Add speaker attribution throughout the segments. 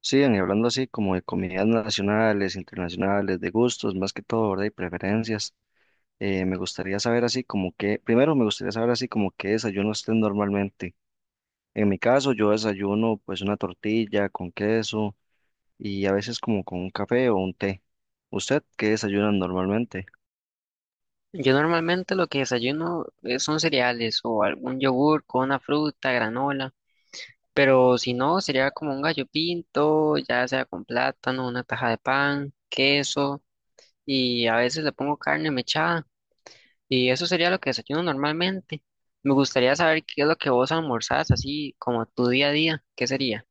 Speaker 1: Sí, y hablando así como de comidas nacionales, internacionales, de gustos, más que todo, ¿verdad? Y preferencias. Me gustaría saber así como que, primero me gustaría saber así como qué desayuno usted normalmente. En mi caso, yo desayuno pues una tortilla con queso y a veces como con un café o un té. ¿Usted qué desayuna normalmente?
Speaker 2: Yo normalmente lo que desayuno son cereales o algún yogur con una fruta, granola, pero si no, sería como un gallo pinto, ya sea con plátano, una taja de pan, queso y a veces le pongo carne mechada y eso sería lo que desayuno normalmente. Me gustaría saber qué es lo que vos almorzás, así como tu día a día, ¿qué sería?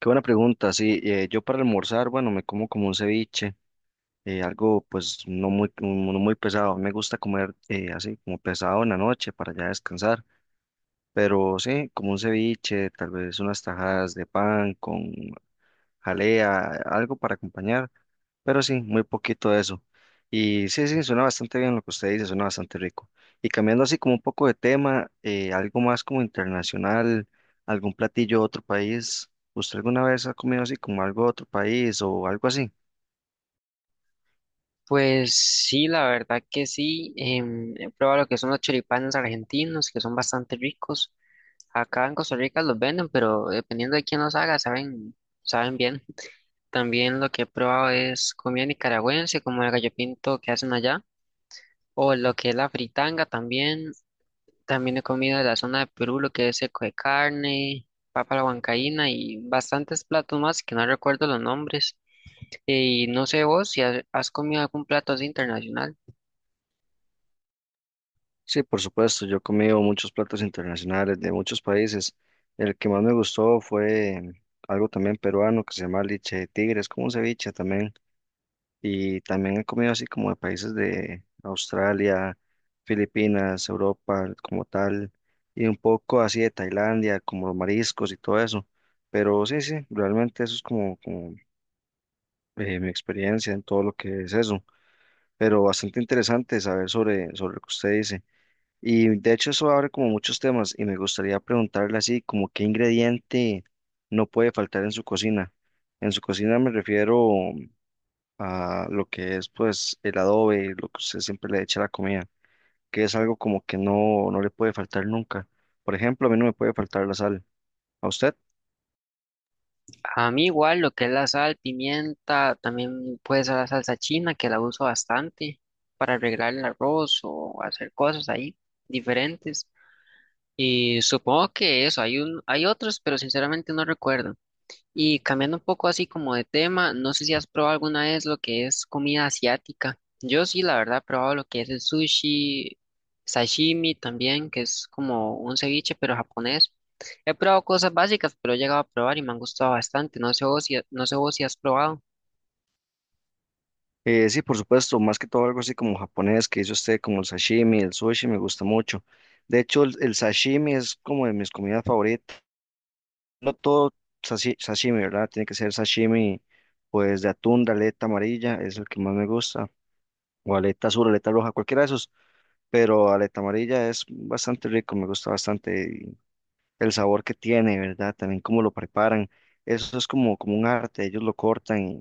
Speaker 1: Qué buena pregunta, sí. Yo para almorzar, bueno, me como un ceviche, algo pues no muy pesado. Me gusta comer así como pesado en la noche para ya descansar. Pero sí, como un ceviche, tal vez unas tajadas de pan con jalea, algo para acompañar, pero sí, muy poquito de eso. Y sí, sí, suena bastante bien lo que usted dice, suena bastante rico. Y cambiando así como un poco de tema, algo más como internacional, algún platillo de otro país, ¿usted alguna vez ha comido así como algo de otro país o algo así?
Speaker 2: Pues sí, la verdad que sí, he probado lo que son los choripanes argentinos, que son bastante ricos. Acá en Costa Rica los venden, pero dependiendo de quién los haga, saben, saben bien. También lo que he probado es comida nicaragüense, como el gallo pinto que hacen allá, o lo que es la fritanga también. También he comido de la zona de Perú, lo que es seco de carne, papa a la huancaína y bastantes platos más que no recuerdo los nombres. Y no sé vos si has comido algún plato así internacional.
Speaker 1: Sí, por supuesto, yo he comido muchos platos internacionales de muchos países. El que más me gustó fue algo también peruano que se llama leche de tigre, es como un ceviche también. Y también he comido así como de países de Australia, Filipinas, Europa como tal, y un poco así de Tailandia, como los mariscos y todo eso. Pero sí, sí, realmente eso es como, como mi experiencia en todo lo que es eso. Pero bastante interesante saber sobre, sobre lo que usted dice. Y de hecho eso abre como muchos temas y me gustaría preguntarle así como qué ingrediente no puede faltar en su cocina. En su cocina me refiero a lo que es pues el adobe, lo que usted siempre le echa a la comida, que es algo como que no le puede faltar nunca. Por ejemplo, a mí no me puede faltar la sal. ¿A usted?
Speaker 2: A mí igual lo que es la sal, pimienta, también puede ser la salsa china que la uso bastante para arreglar el arroz o hacer cosas ahí diferentes. Y supongo que eso, hay un, hay otros, pero sinceramente no recuerdo. Y cambiando un poco así como de tema, no sé si has probado alguna vez lo que es comida asiática. Yo sí, la verdad, he probado lo que es el sushi, sashimi también, que es como un ceviche, pero japonés. He probado cosas básicas, pero he llegado a probar y me han gustado bastante. No sé vos si has probado.
Speaker 1: Sí, por supuesto, más que todo algo así como japonés que hizo usted, como el sashimi, el sushi, me gusta mucho. De hecho, el sashimi es como de mis comidas favoritas. No todo sashimi, ¿verdad? Tiene que ser sashimi, pues de atún, de aleta amarilla, es el que más me gusta. O aleta azul, aleta roja, cualquiera de esos. Pero aleta amarilla es bastante rico, me gusta bastante y el sabor que tiene, ¿verdad? También cómo lo preparan. Eso es como, como un arte, ellos lo cortan,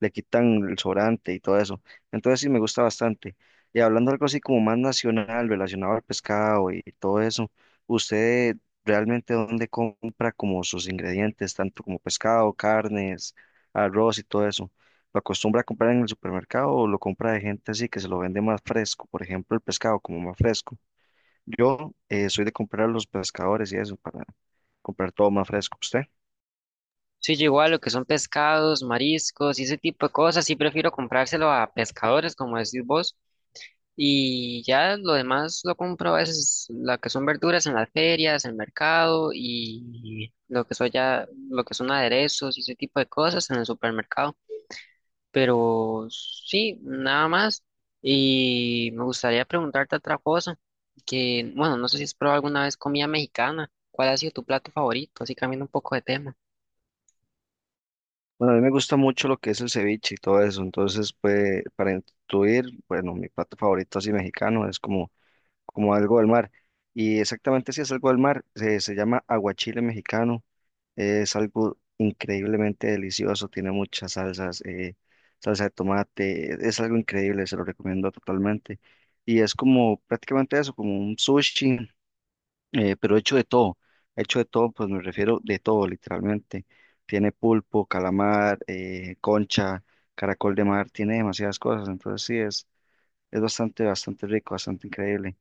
Speaker 1: le quitan el sobrante y todo eso. Entonces sí me gusta bastante. Y hablando algo así como más nacional, relacionado al pescado y todo eso, ¿usted realmente dónde compra como sus ingredientes, tanto como pescado, carnes, arroz y todo eso? ¿Lo acostumbra a comprar en el supermercado o lo compra de gente así que se lo vende más fresco? Por ejemplo, el pescado como más fresco. Yo soy de comprar a los pescadores y eso, para comprar todo más fresco. ¿Usted?
Speaker 2: Sí, yo igual lo que son pescados, mariscos y ese tipo de cosas, sí prefiero comprárselo a pescadores, como decís vos. Y ya lo demás lo compro a veces, la que son verduras en las ferias, en el mercado y lo que son ya, lo que son aderezos y ese tipo de cosas en el supermercado. Pero sí, nada más. Y me gustaría preguntarte otra cosa, que bueno, no sé si has probado alguna vez comida mexicana. ¿Cuál ha sido tu plato favorito? Así cambiando un poco de tema.
Speaker 1: Bueno, a mí me gusta mucho lo que es el ceviche y todo eso, entonces, pues, para intuir, bueno, mi plato favorito así mexicano es como, como algo del mar, y exactamente si es algo del mar, se llama aguachile mexicano, es algo increíblemente delicioso, tiene muchas salsas, salsa de tomate, es algo increíble, se lo recomiendo totalmente, y es como prácticamente eso, como un sushi, pero hecho de todo, pues me refiero de todo, literalmente. Tiene pulpo, calamar, concha, caracol de mar, tiene demasiadas cosas, entonces sí, es bastante, bastante rico, bastante increíble.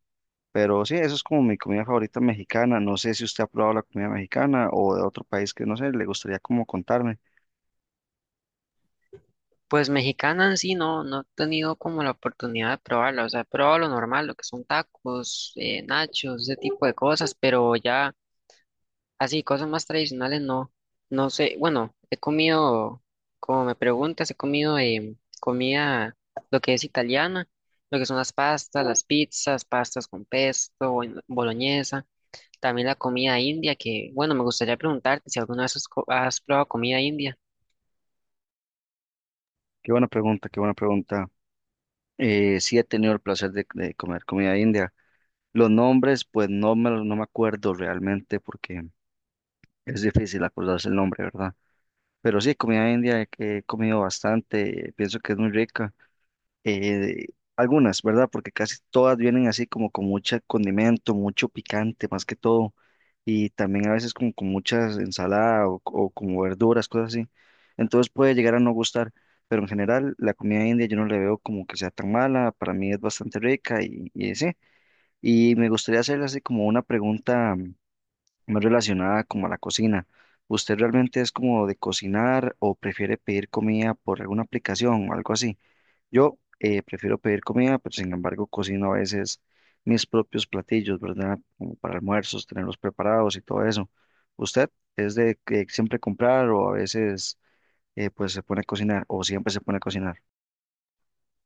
Speaker 1: Pero sí, eso es como mi comida favorita mexicana. No sé si usted ha probado la comida mexicana o de otro país que no sé, le gustaría como contarme.
Speaker 2: Pues mexicana en sí no, no he tenido como la oportunidad de probarla, o sea, he probado lo normal, lo que son tacos, nachos, ese tipo de cosas, pero ya así, cosas más tradicionales no, no sé, bueno, he comido, como me preguntas, he comido comida, lo que es italiana, lo que son las pastas, las pizzas, pastas con pesto, boloñesa, también la comida india, que bueno, me gustaría preguntarte si alguna vez has probado comida india.
Speaker 1: Qué buena pregunta, qué buena pregunta. Sí he tenido el placer de comer comida india. Los nombres, pues no me, no me acuerdo realmente porque es difícil acordarse el nombre, ¿verdad? Pero sí, comida india que he comido bastante, pienso que es muy rica. Eh, Algunas, ¿verdad? Porque casi todas vienen así como con mucho condimento, mucho picante más que todo. Y también a veces como con muchas ensaladas o como verduras, cosas así. Entonces puede llegar a no gustar, pero en general la comida india yo no le veo como que sea tan mala, para mí es bastante rica y sí. Y me gustaría hacerle así como una pregunta no relacionada como a la cocina. ¿Usted realmente es como de cocinar o prefiere pedir comida por alguna aplicación o algo así? Yo prefiero pedir comida, pero sin embargo cocino a veces mis propios platillos, ¿verdad? Como para almuerzos, tenerlos preparados y todo eso. ¿Usted es de que siempre comprar o a veces pues se pone a cocinar o siempre se pone a cocinar?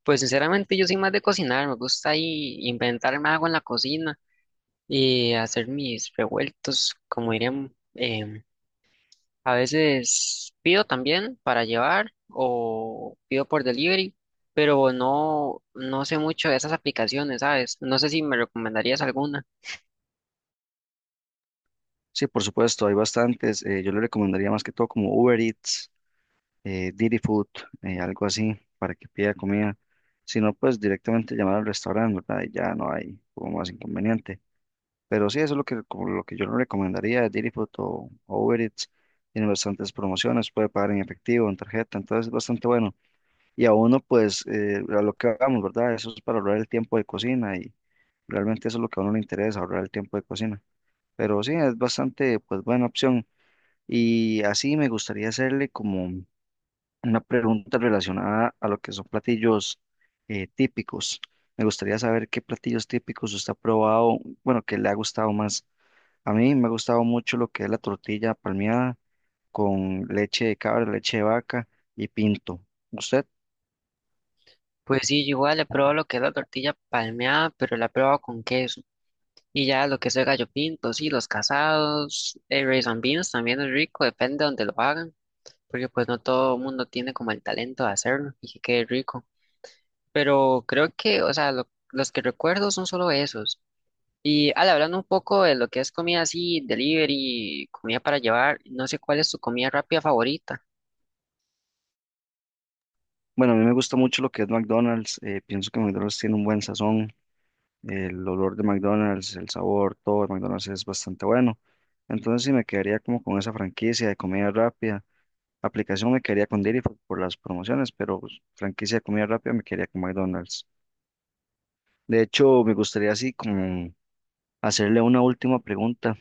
Speaker 2: Pues sinceramente yo soy más de cocinar, me gusta ahí inventarme algo en la cocina y hacer mis revueltos, como dirían, a veces pido también para llevar o pido por delivery, pero no, no sé mucho de esas aplicaciones, ¿sabes? No sé si me recomendarías alguna.
Speaker 1: Sí, por supuesto, hay bastantes. Yo le recomendaría más que todo como Uber Eats, Didi Food, algo así, para que pida comida. Si no, pues directamente llamar al restaurante, ¿verdad? Y ya no hay como más inconveniente. Pero sí, eso es lo que, como lo que yo le recomendaría, Didi Food o Uber Eats. Tiene bastantes promociones, puede pagar en efectivo, en tarjeta, entonces es bastante bueno. Y a uno, pues, a lo que hagamos, ¿verdad? Eso es para ahorrar el tiempo de cocina y realmente eso es lo que a uno le interesa, ahorrar el tiempo de cocina. Pero sí, es bastante, pues, buena opción. Y así me gustaría hacerle como una pregunta relacionada a lo que son platillos típicos. Me gustaría saber qué platillos típicos usted ha probado, bueno, que le ha gustado más. A mí me ha gustado mucho lo que es la tortilla palmeada con leche de cabra, leche de vaca y pinto. ¿Usted?
Speaker 2: Pues sí, yo igual he probado lo que es la tortilla palmeada, pero la he probado con queso. Y ya lo que es el gallo pinto, sí, los casados, el rice and beans también es rico, depende de donde lo hagan. Porque pues no todo el mundo tiene como el talento de hacerlo y que quede rico. Pero creo que, o sea, los que recuerdo son solo esos. Y al hablando un poco de lo que es comida así, delivery, comida para llevar, no sé cuál es tu comida rápida favorita.
Speaker 1: Bueno, a mí me gusta mucho lo que es McDonald's. Pienso que McDonald's tiene un buen sazón. El olor de McDonald's, el sabor, todo de McDonald's es bastante bueno. Entonces sí me quedaría como con esa franquicia de comida rápida. Aplicación me quedaría con Didi por las promociones, pero pues, franquicia de comida rápida me quedaría con McDonald's. De hecho, me gustaría así como hacerle una última pregunta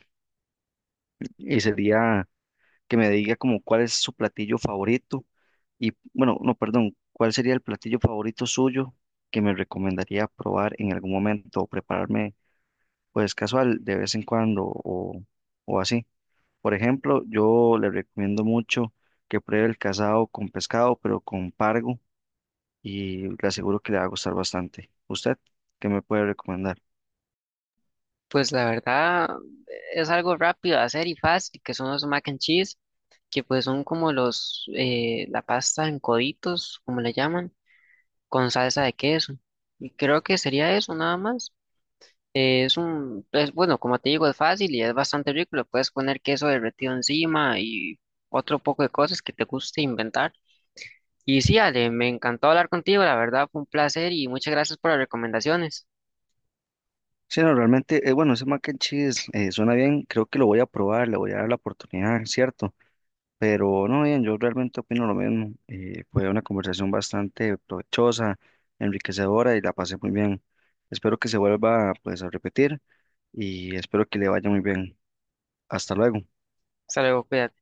Speaker 1: y sería que me diga como cuál es su platillo favorito y, bueno, no, perdón, cuál sería el platillo favorito suyo que me recomendaría probar en algún momento o prepararme pues casual de vez en cuando o así. Por ejemplo, yo le recomiendo mucho que pruebe el casado con pescado, pero con pargo y le aseguro que le va a gustar bastante. ¿Usted qué me puede recomendar?
Speaker 2: Pues la verdad es algo rápido de hacer y fácil, que son los mac and cheese, que pues son como los, la pasta en coditos, como le llaman, con salsa de queso. Y creo que sería eso nada más. Es un, es bueno, como te digo, es fácil y es bastante rico. Le puedes poner queso derretido encima y otro poco de cosas que te guste inventar. Y sí, Ale, me encantó hablar contigo, la verdad fue un placer y muchas gracias por las recomendaciones.
Speaker 1: Sí, no, realmente, bueno, ese mac and cheese suena bien, creo que lo voy a probar, le voy a dar la oportunidad, ¿cierto? Pero no, bien, yo realmente opino lo mismo. Fue una conversación bastante provechosa, enriquecedora y la pasé muy bien. Espero que se vuelva pues a repetir y espero que le vaya muy bien. Hasta luego.
Speaker 2: Hasta luego, cuídate.